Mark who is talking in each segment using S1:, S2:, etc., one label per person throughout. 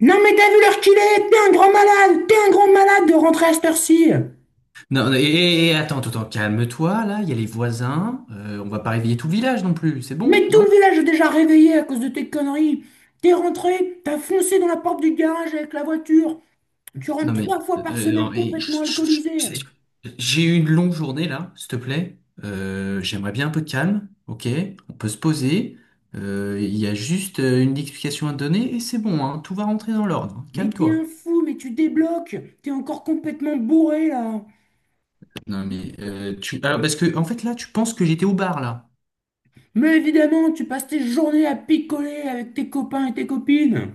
S1: Non mais t'as vu l'heure qu'il est? T'es un grand malade. T'es un grand malade de rentrer à cette heure-ci.
S2: Non, et attends, attends, calme-toi, là, il y a les voisins, on va pas réveiller tout le village non plus, c'est
S1: Mais
S2: bon,
S1: tout
S2: non?
S1: le village est déjà réveillé à cause de tes conneries. T'es rentré, t'as foncé dans la porte du garage avec la voiture. Tu
S2: Non
S1: rentres
S2: mais,
S1: trois fois par semaine
S2: non,
S1: complètement
S2: chut, chut,
S1: alcoolisé.
S2: chut, chut. J'ai eu une longue journée là, s'il te plaît. J'aimerais bien un peu de calme, ok? On peut se poser. Il y a juste une explication à te donner et c'est bon, hein, tout va rentrer dans l'ordre,
S1: Mais t'es un
S2: calme-toi.
S1: fou, mais tu débloques. T'es encore complètement bourré là.
S2: Non mais, Alors parce que, en fait là, tu penses que j'étais au bar là.
S1: Mais évidemment, tu passes tes journées à picoler avec tes copains et tes copines.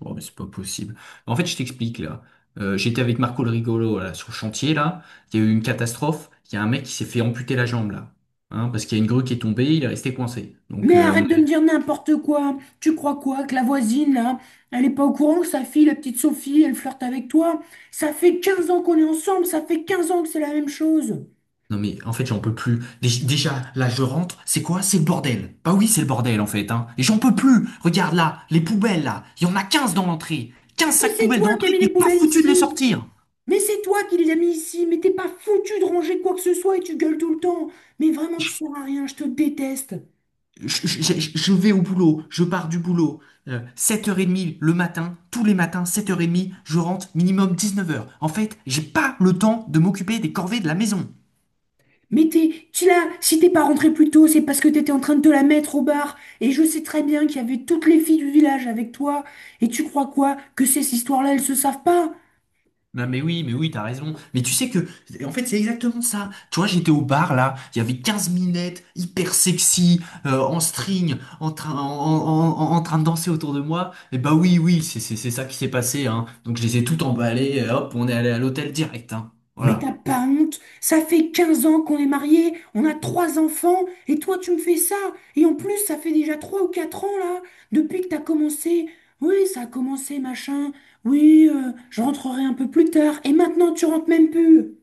S2: Bon, mais c'est pas possible. En fait, je t'explique là. J'étais avec Marco le rigolo là, sur le chantier là. Il y a eu une catastrophe. Il y a un mec qui s'est fait amputer la jambe là, hein, parce qu'il y a une grue qui est tombée, il est resté coincé.
S1: Mais arrête de me dire n'importe quoi. Tu crois quoi que la voisine, là, elle est pas au courant que sa fille, la petite Sophie, elle flirte avec toi? Ça fait 15 ans qu'on est ensemble, ça fait 15 ans que c'est la même chose.
S2: Non mais en fait j'en peux plus. Déjà là je rentre, c'est quoi? C'est le bordel. Bah oui c'est le bordel en fait, hein. Et j'en peux plus. Regarde là, les poubelles là, il y en a 15 dans l'entrée. 15
S1: Mais
S2: sacs
S1: c'est
S2: poubelles
S1: toi
S2: dans
S1: qui as
S2: l'entrée,
S1: mis
S2: t'es
S1: les
S2: pas
S1: poubelles
S2: foutu de les
S1: ici.
S2: sortir.
S1: Mais c'est toi qui les as mis ici. Mais t'es pas foutu de ranger quoi que ce soit et tu gueules tout le temps. Mais vraiment, tu sers à rien, je te déteste.
S2: Je vais au boulot, je pars du boulot, 7h30 le matin, tous les matins, 7h30, je rentre minimum 19h. En fait, j'ai pas le temps de m'occuper des corvées de la maison.
S1: Mais si t'es pas rentré plus tôt, c'est parce que t'étais en train de te la mettre au bar. Et je sais très bien qu'il y avait toutes les filles du village avec toi. Et tu crois quoi? Que ces histoires-là, elles se savent pas?
S2: Non mais oui, mais oui, t'as raison. Mais tu sais que, en fait, c'est exactement ça. Tu vois, j'étais au bar là, il y avait 15 minettes hyper sexy, en string, en train, en, en- en- en train de danser autour de moi. Et bah oui, oui, c'est ça qui s'est passé, hein. Donc je les ai toutes emballées, et hop, on est allé à l'hôtel direct, hein.
S1: Mais t'as
S2: Voilà.
S1: pas honte? Ça fait 15 ans qu'on est mariés, on a trois enfants, et toi tu me fais ça? Et en plus, ça fait déjà 3 ou 4 ans là, depuis que t'as commencé. Oui, ça a commencé, machin. Oui, je rentrerai un peu plus tard. Et maintenant, tu rentres même plus.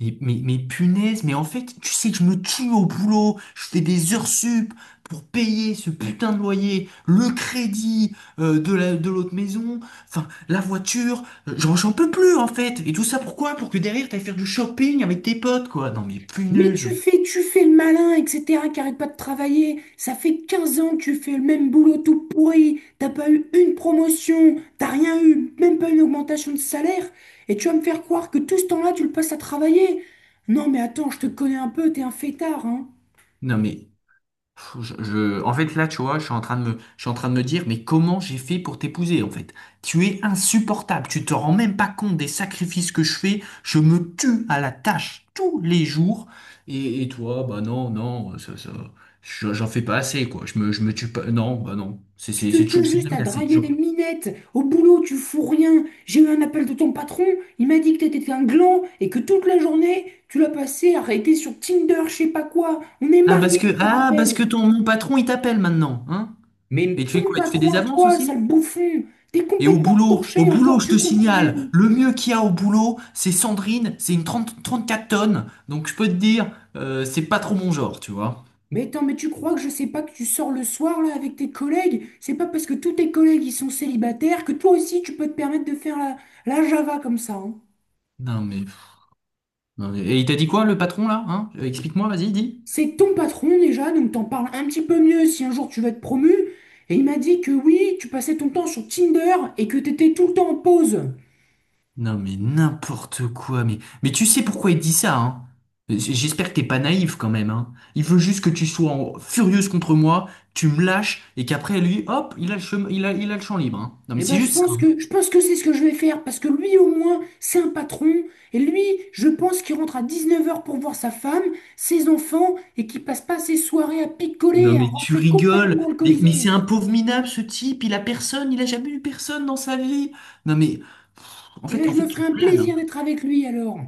S2: Mais punaise, mais en fait, tu sais que je me tue au boulot, je fais des heures sup pour payer ce putain de loyer, le crédit de l'autre maison, enfin, la voiture, j'en peux plus en fait. Et tout ça pourquoi? Pour que derrière, t'ailles faire du shopping avec tes potes, quoi. Non mais
S1: Mais tu
S2: punaise.
S1: fais, tu fais le malin, etc., qui arrête pas de travailler. Ça fait 15 ans que tu fais le même boulot tout pourri. T'as pas eu une promotion, t'as rien eu, même pas une augmentation de salaire. Et tu vas me faire croire que tout ce temps-là, tu le passes à travailler. Non, mais attends, je te connais un peu, t'es un fêtard, hein.
S2: Non mais en fait, là, tu vois, je suis en train de me dire, mais comment j'ai fait pour t'épouser, en fait? Tu es insupportable. Tu te rends même pas compte des sacrifices que je fais. Je me tue à la tâche tous les jours. Et toi, bah non, non, j'en fais pas assez, quoi. Je me tue pas. Non, bah non. C'est,
S1: Tu
S2: c'est,
S1: te
S2: c'est
S1: tues
S2: toujours, c'est
S1: juste à
S2: jamais assez,
S1: draguer des
S2: toujours.
S1: minettes. Au boulot, tu fous rien. J'ai eu un appel de ton patron. Il m'a dit que t'étais un gland et que toute la journée, tu l'as passé à arrêter sur Tinder, je sais pas quoi. On est
S2: Ah, parce
S1: mariés,
S2: que,
S1: je te rappelle.
S2: mon patron, il t'appelle maintenant, hein?
S1: Mais
S2: Et tu fais
S1: ton
S2: quoi? Tu fais
S1: patron
S2: des
S1: à
S2: avances
S1: toi,
S2: aussi?
S1: sale bouffon, t'es
S2: Et
S1: complètement
S2: au
S1: torché
S2: boulot,
S1: encore,
S2: je
S1: tu
S2: te
S1: comprends
S2: signale,
S1: rien.
S2: le mieux qu'il y a au boulot, c'est Sandrine, c'est une 34 tonnes. Donc je peux te dire, c'est pas trop mon genre, tu vois.
S1: Mais attends, mais tu crois que je sais pas que tu sors le soir là avec tes collègues? C'est pas parce que tous tes collègues ils sont célibataires que toi aussi tu peux te permettre de faire la Java comme ça, hein.
S2: Non mais, et il t'a dit quoi, le patron, là, hein? Explique-moi, vas-y, dis.
S1: C'est ton patron déjà, donc t'en parles un petit peu mieux si un jour tu vas être promu. Et il m'a dit que oui, tu passais ton temps sur Tinder et que t'étais tout le temps en pause.
S2: Non mais n'importe quoi, mais... Mais tu sais pourquoi il dit ça, hein? J'espère que t'es pas naïf quand même, hein. Il veut juste que tu sois furieuse contre moi, tu me lâches, et qu'après lui, hop, il a le champ libre, hein. Non mais
S1: Eh
S2: c'est
S1: ben, je
S2: juste ça,
S1: pense
S2: hein.
S1: que, je pense que c'est ce que je vais faire, parce que lui, au moins, c'est un patron, et lui, je pense qu'il rentre à 19 heures pour voir sa femme, ses enfants, et qu'il passe pas ses soirées à
S2: Non
S1: picoler,
S2: mais
S1: à
S2: tu
S1: rentrer
S2: rigoles,
S1: complètement
S2: mais c'est un
S1: alcoolisé.
S2: pauvre minable ce type, il a personne, il a jamais eu personne dans sa vie. Non mais en
S1: Et là,
S2: fait, en
S1: je
S2: fait
S1: me ferai
S2: tu
S1: un
S2: planes,
S1: plaisir
S2: hein.
S1: d'être avec lui, alors.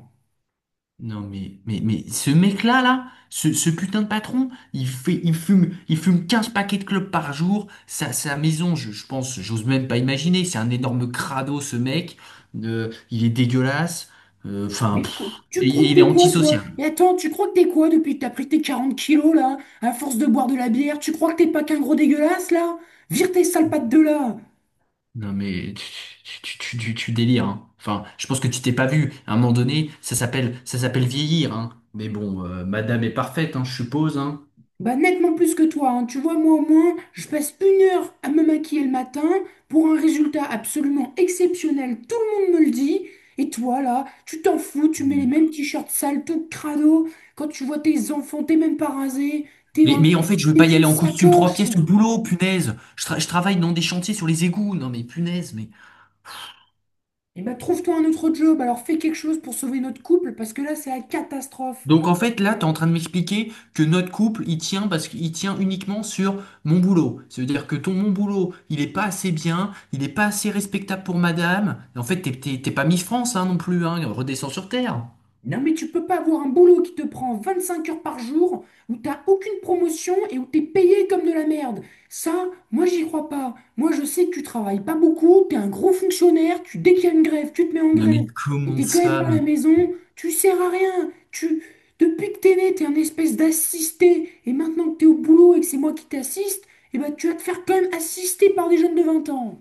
S2: Non mais ce mec-là là, ce putain de patron, il fume 15 paquets de clopes par jour, sa maison, je pense, j'ose même pas imaginer, c'est un énorme crado ce mec. Il est dégueulasse. Enfin
S1: Mais écoute, tu
S2: et
S1: crois que
S2: il est
S1: t'es quoi, toi?
S2: antisocial.
S1: Et attends, tu crois que t'es quoi depuis que t'as pris tes 40 kilos, là, à force de boire de la bière? Tu crois que t'es pas qu'un gros dégueulasse, là? Vire tes sales pattes de là!
S2: Non mais tu délires, hein. Enfin, je pense que tu t'es pas vu. À un moment donné, ça s'appelle vieillir, hein. Mais bon, madame est parfaite, hein, je suppose, hein.
S1: Bah, nettement plus que toi, hein. Tu vois, moi au moins, je passe 1 heure à me maquiller le matin pour un résultat absolument exceptionnel, tout le monde me le dit. Et toi, là, tu t'en fous, tu mets les mêmes t-shirts sales, tout crado. Quand tu vois tes enfants, t'es même pas rasé, t'es
S2: Mais,
S1: vraiment
S2: mais en fait, je veux
S1: t'es
S2: pas y
S1: qu'une
S2: aller en costume trois
S1: sacoche.
S2: pièces au boulot, punaise. Je travaille dans des chantiers sur les égouts. Non mais punaise, mais.
S1: Et bah, trouve-toi un autre job, alors fais quelque chose pour sauver notre couple, parce que là, c'est la catastrophe.
S2: Donc en fait, là, t'es en train de m'expliquer que notre couple, il tient parce qu'il tient uniquement sur mon boulot. Ça veut dire que ton mon boulot, il est pas assez bien, il est pas assez respectable pour madame. Et en fait, t'es pas Miss France, hein, non plus, hein. Redescends sur Terre.
S1: Non, mais tu peux pas avoir un boulot qui te prend 25 heures par jour, où t'as aucune promotion et où t'es payé comme de la merde. Ça, moi j'y crois pas. Moi je sais que tu travailles pas beaucoup, t'es un gros fonctionnaire, dès qu'il y a une grève, tu te mets en
S2: Non
S1: grève.
S2: mais
S1: Et
S2: comment
S1: t'es quand même
S2: ça?
S1: par la
S2: Mais,
S1: maison, tu sers à rien. Depuis que t'es né, t'es un espèce d'assisté. Et maintenant que t'es au boulot et que c'est moi qui t'assiste, eh ben, tu vas te faire quand même assister par des jeunes de 20 ans.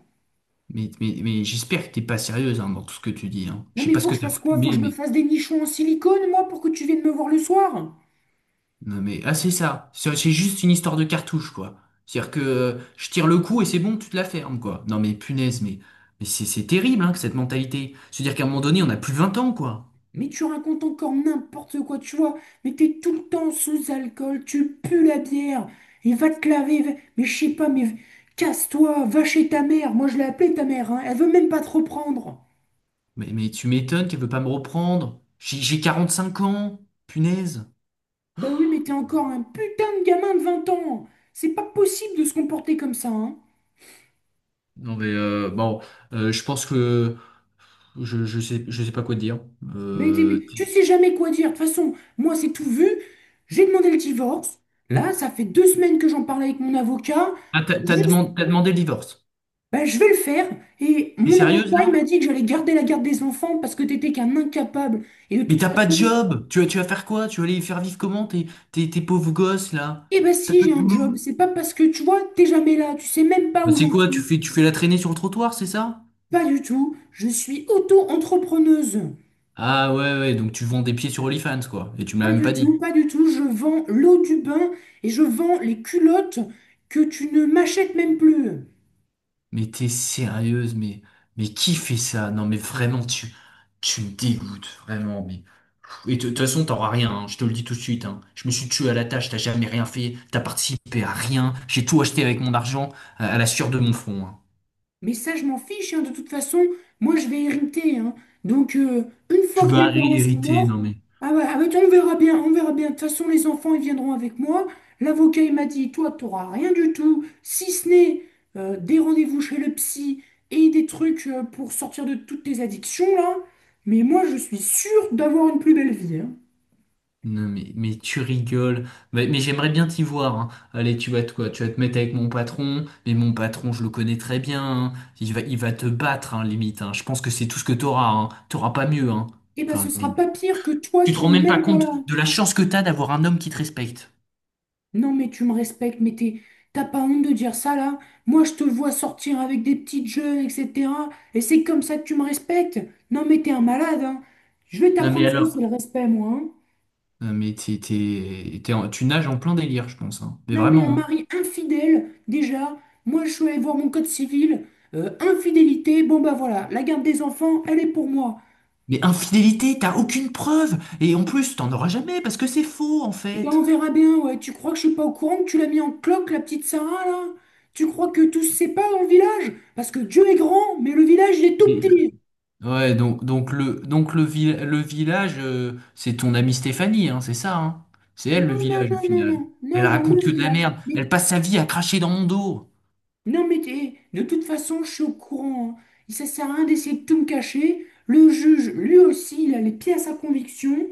S2: mais, mais, mais j'espère que t'es pas sérieuse, hein, dans tout ce que tu dis, hein. Je
S1: Non
S2: sais
S1: mais
S2: pas ce
S1: faut
S2: que
S1: que je
S2: t'as
S1: fasse quoi? Faut que
S2: fumé,
S1: je me
S2: mais.
S1: fasse des nichons en silicone, moi, pour que tu viennes me voir le soir?
S2: Non mais. Ah c'est ça. C'est juste une histoire de cartouche, quoi. C'est-à-dire que je tire le coup et c'est bon, tu te la fermes, quoi. Non mais punaise, mais c'est terrible, hein, que cette mentalité. C'est-à-dire qu'à un moment donné, on a plus de 20 ans, quoi.
S1: Mais tu racontes encore n'importe quoi, tu vois. Mais t'es tout le temps sous alcool, tu pues la bière. Et va te laver, mais je sais pas, mais casse-toi, va chez ta mère. Moi, je l'ai appelée ta mère, hein. Elle veut même pas te reprendre.
S2: Mais tu m'étonnes qu'elle veut pas me reprendre. J'ai 5 ans, punaise.
S1: Bah oui, mais t'es encore un putain de gamin de 20 ans. C'est pas possible de se comporter comme ça, hein.
S2: Non mais bon, je pense que je sais pas quoi te dire.
S1: Mais
S2: Euh,
S1: tu sais jamais quoi dire. De toute façon, moi, c'est tout vu. J'ai demandé le divorce. Là, ça fait 2 semaines que j'en parle avec mon avocat.
S2: t'as demandé le divorce.
S1: Bah, je vais le faire. Et
S2: T'es
S1: mon
S2: sérieuse
S1: avocat, il
S2: là?
S1: m'a dit que j'allais garder la garde des enfants parce que t'étais qu'un incapable. Et de
S2: Mais
S1: toute
S2: t'as pas de
S1: façon,
S2: job! Tu vas faire quoi? Tu vas aller faire vivre comment tes pauvres gosses là?
S1: eh ben
S2: T'as
S1: si,
S2: pas
S1: j'ai
S2: de
S1: un job.
S2: boulot?
S1: C'est pas parce que, tu vois, t'es jamais là. Tu sais même pas
S2: Bah,
S1: où
S2: c'est
S1: j'en
S2: quoi? Tu
S1: suis.
S2: fais, tu fais la traînée sur le trottoir, c'est ça?
S1: Pas du tout. Je suis auto-entrepreneuse.
S2: Ah ouais, ouais, donc tu vends des pieds sur OnlyFans quoi. Et tu me l'as
S1: Pas
S2: même
S1: du
S2: pas
S1: tout,
S2: dit.
S1: pas du tout. Je vends l'eau du bain et je vends les culottes que tu ne m'achètes même plus.
S2: Mais t'es sérieuse, mais qui fait ça? Non mais vraiment, tu me dégoûtes, vraiment. Mais... Et de toute façon, t'auras rien, hein, je te le dis tout de suite, hein. Je me suis tué à la tâche, t'as jamais rien fait, t'as participé à rien, j'ai tout acheté avec mon argent, à la sueur de mon front, hein.
S1: Mais ça, je m'en fiche, hein, de toute façon, moi, je vais hériter, hein. Donc, une
S2: Tu
S1: fois que mes
S2: vas
S1: parents seront
S2: hériter, non
S1: morts,
S2: mais.
S1: ah ouais, ah ouais, on verra bien, on verra bien. De toute façon, les enfants, ils viendront avec moi. L'avocat, il m'a dit, toi, tu n'auras rien du tout, si ce n'est des rendez-vous chez le psy et des trucs pour sortir de toutes tes addictions, là. Mais moi, je suis sûre d'avoir une plus belle vie, hein.
S2: Non, mais, tu rigoles. Mais j'aimerais bien t'y voir, hein. Allez, tu vas te mettre avec mon patron. Mais mon patron, je le connais très bien, hein. Il va te battre, hein, limite, hein. Je pense que c'est tout ce que t'auras, hein. T'auras pas mieux, hein.
S1: Et ben, ce
S2: Enfin, mais
S1: sera pas pire que toi
S2: tu te
S1: qui
S2: rends
S1: n'y
S2: même pas
S1: mêle pas
S2: compte
S1: là.
S2: de la chance que t'as d'avoir un homme qui te respecte.
S1: Non, mais tu me respectes, mais t'as pas honte de dire ça là? Moi, je te vois sortir avec des petites jeunes, etc. Et c'est comme ça que tu me respectes? Non, mais t'es un malade, hein. Je vais
S2: Non, mais
S1: t'apprendre ce que
S2: alors.
S1: c'est le respect, moi, hein.
S2: Non, mais tu nages en plein délire, je pense, hein. Mais
S1: Non, mais un
S2: vraiment, hein.
S1: mari infidèle, déjà. Moi, je suis allée voir mon code civil. Infidélité, bon bah voilà, la garde des enfants, elle est pour moi.
S2: Mais infidélité, t'as aucune preuve. Et en plus, t'en auras jamais parce que c'est faux, en
S1: Et ben
S2: fait.
S1: on verra bien, ouais. Tu crois que je suis pas au courant que tu l'as mis en cloque, la petite Sarah là? Tu crois que tout se sait pas dans le village? Parce que Dieu est grand, mais le village il est tout petit.
S2: Ouais, le village, c'est ton amie Stéphanie, hein, c'est ça, hein. C'est elle le
S1: Non, non,
S2: village au
S1: non, non, non,
S2: final.
S1: non,
S2: Elle
S1: non, le
S2: raconte que de la
S1: village.
S2: merde.
S1: Mais,
S2: Elle passe sa vie à cracher dans mon dos.
S1: non, mais de toute façon, je suis au courant, hein. Ça sert à rien d'essayer de tout me cacher. Le juge, lui aussi, il a les pieds à sa conviction.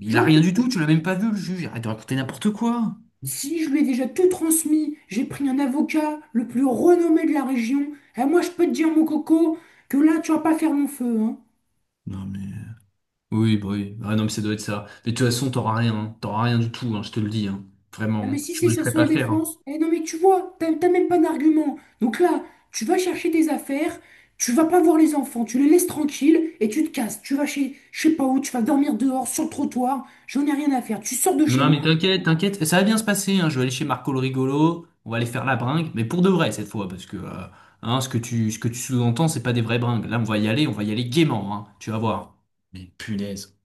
S2: Il a
S1: J'en
S2: rien
S1: peux
S2: du tout,
S1: plus.
S2: tu l'as même pas vu, le juge. Arrête de raconter n'importe quoi.
S1: Si je lui ai déjà tout transmis, j'ai pris un avocat, le plus renommé de la région. Et moi, je peux te dire, mon coco, que là, tu vas pas faire long feu, hein.
S2: Non mais. Oui, bah oui. Ah non, mais ça doit être ça. Mais de toute façon, t'auras rien, hein. T'auras rien du tout, hein, je te le dis, hein.
S1: Non,
S2: Vraiment,
S1: mais
S2: hein.
S1: si
S2: Je
S1: c'est
S2: me
S1: sa
S2: laisserai pas
S1: seule
S2: faire, hein.
S1: défense, eh non, mais tu vois, t'as même pas d'argument. Donc là, tu vas chercher tes affaires, tu vas pas voir les enfants, tu les laisses tranquilles et tu te casses. Tu vas chez, je sais pas où, tu vas dormir dehors, sur le trottoir, j'en ai rien à faire. Tu sors de chez
S2: Non,
S1: moi.
S2: mais t'inquiète, t'inquiète, ça va bien se passer, hein. Je vais aller chez Marco le rigolo, on va aller faire la bringue, mais pour de vrai cette fois, parce que hein, ce que tu sous-entends, c'est pas des vraies bringues. Là, on va y aller, on va y aller gaiement, hein. Tu vas voir. Mais punaise.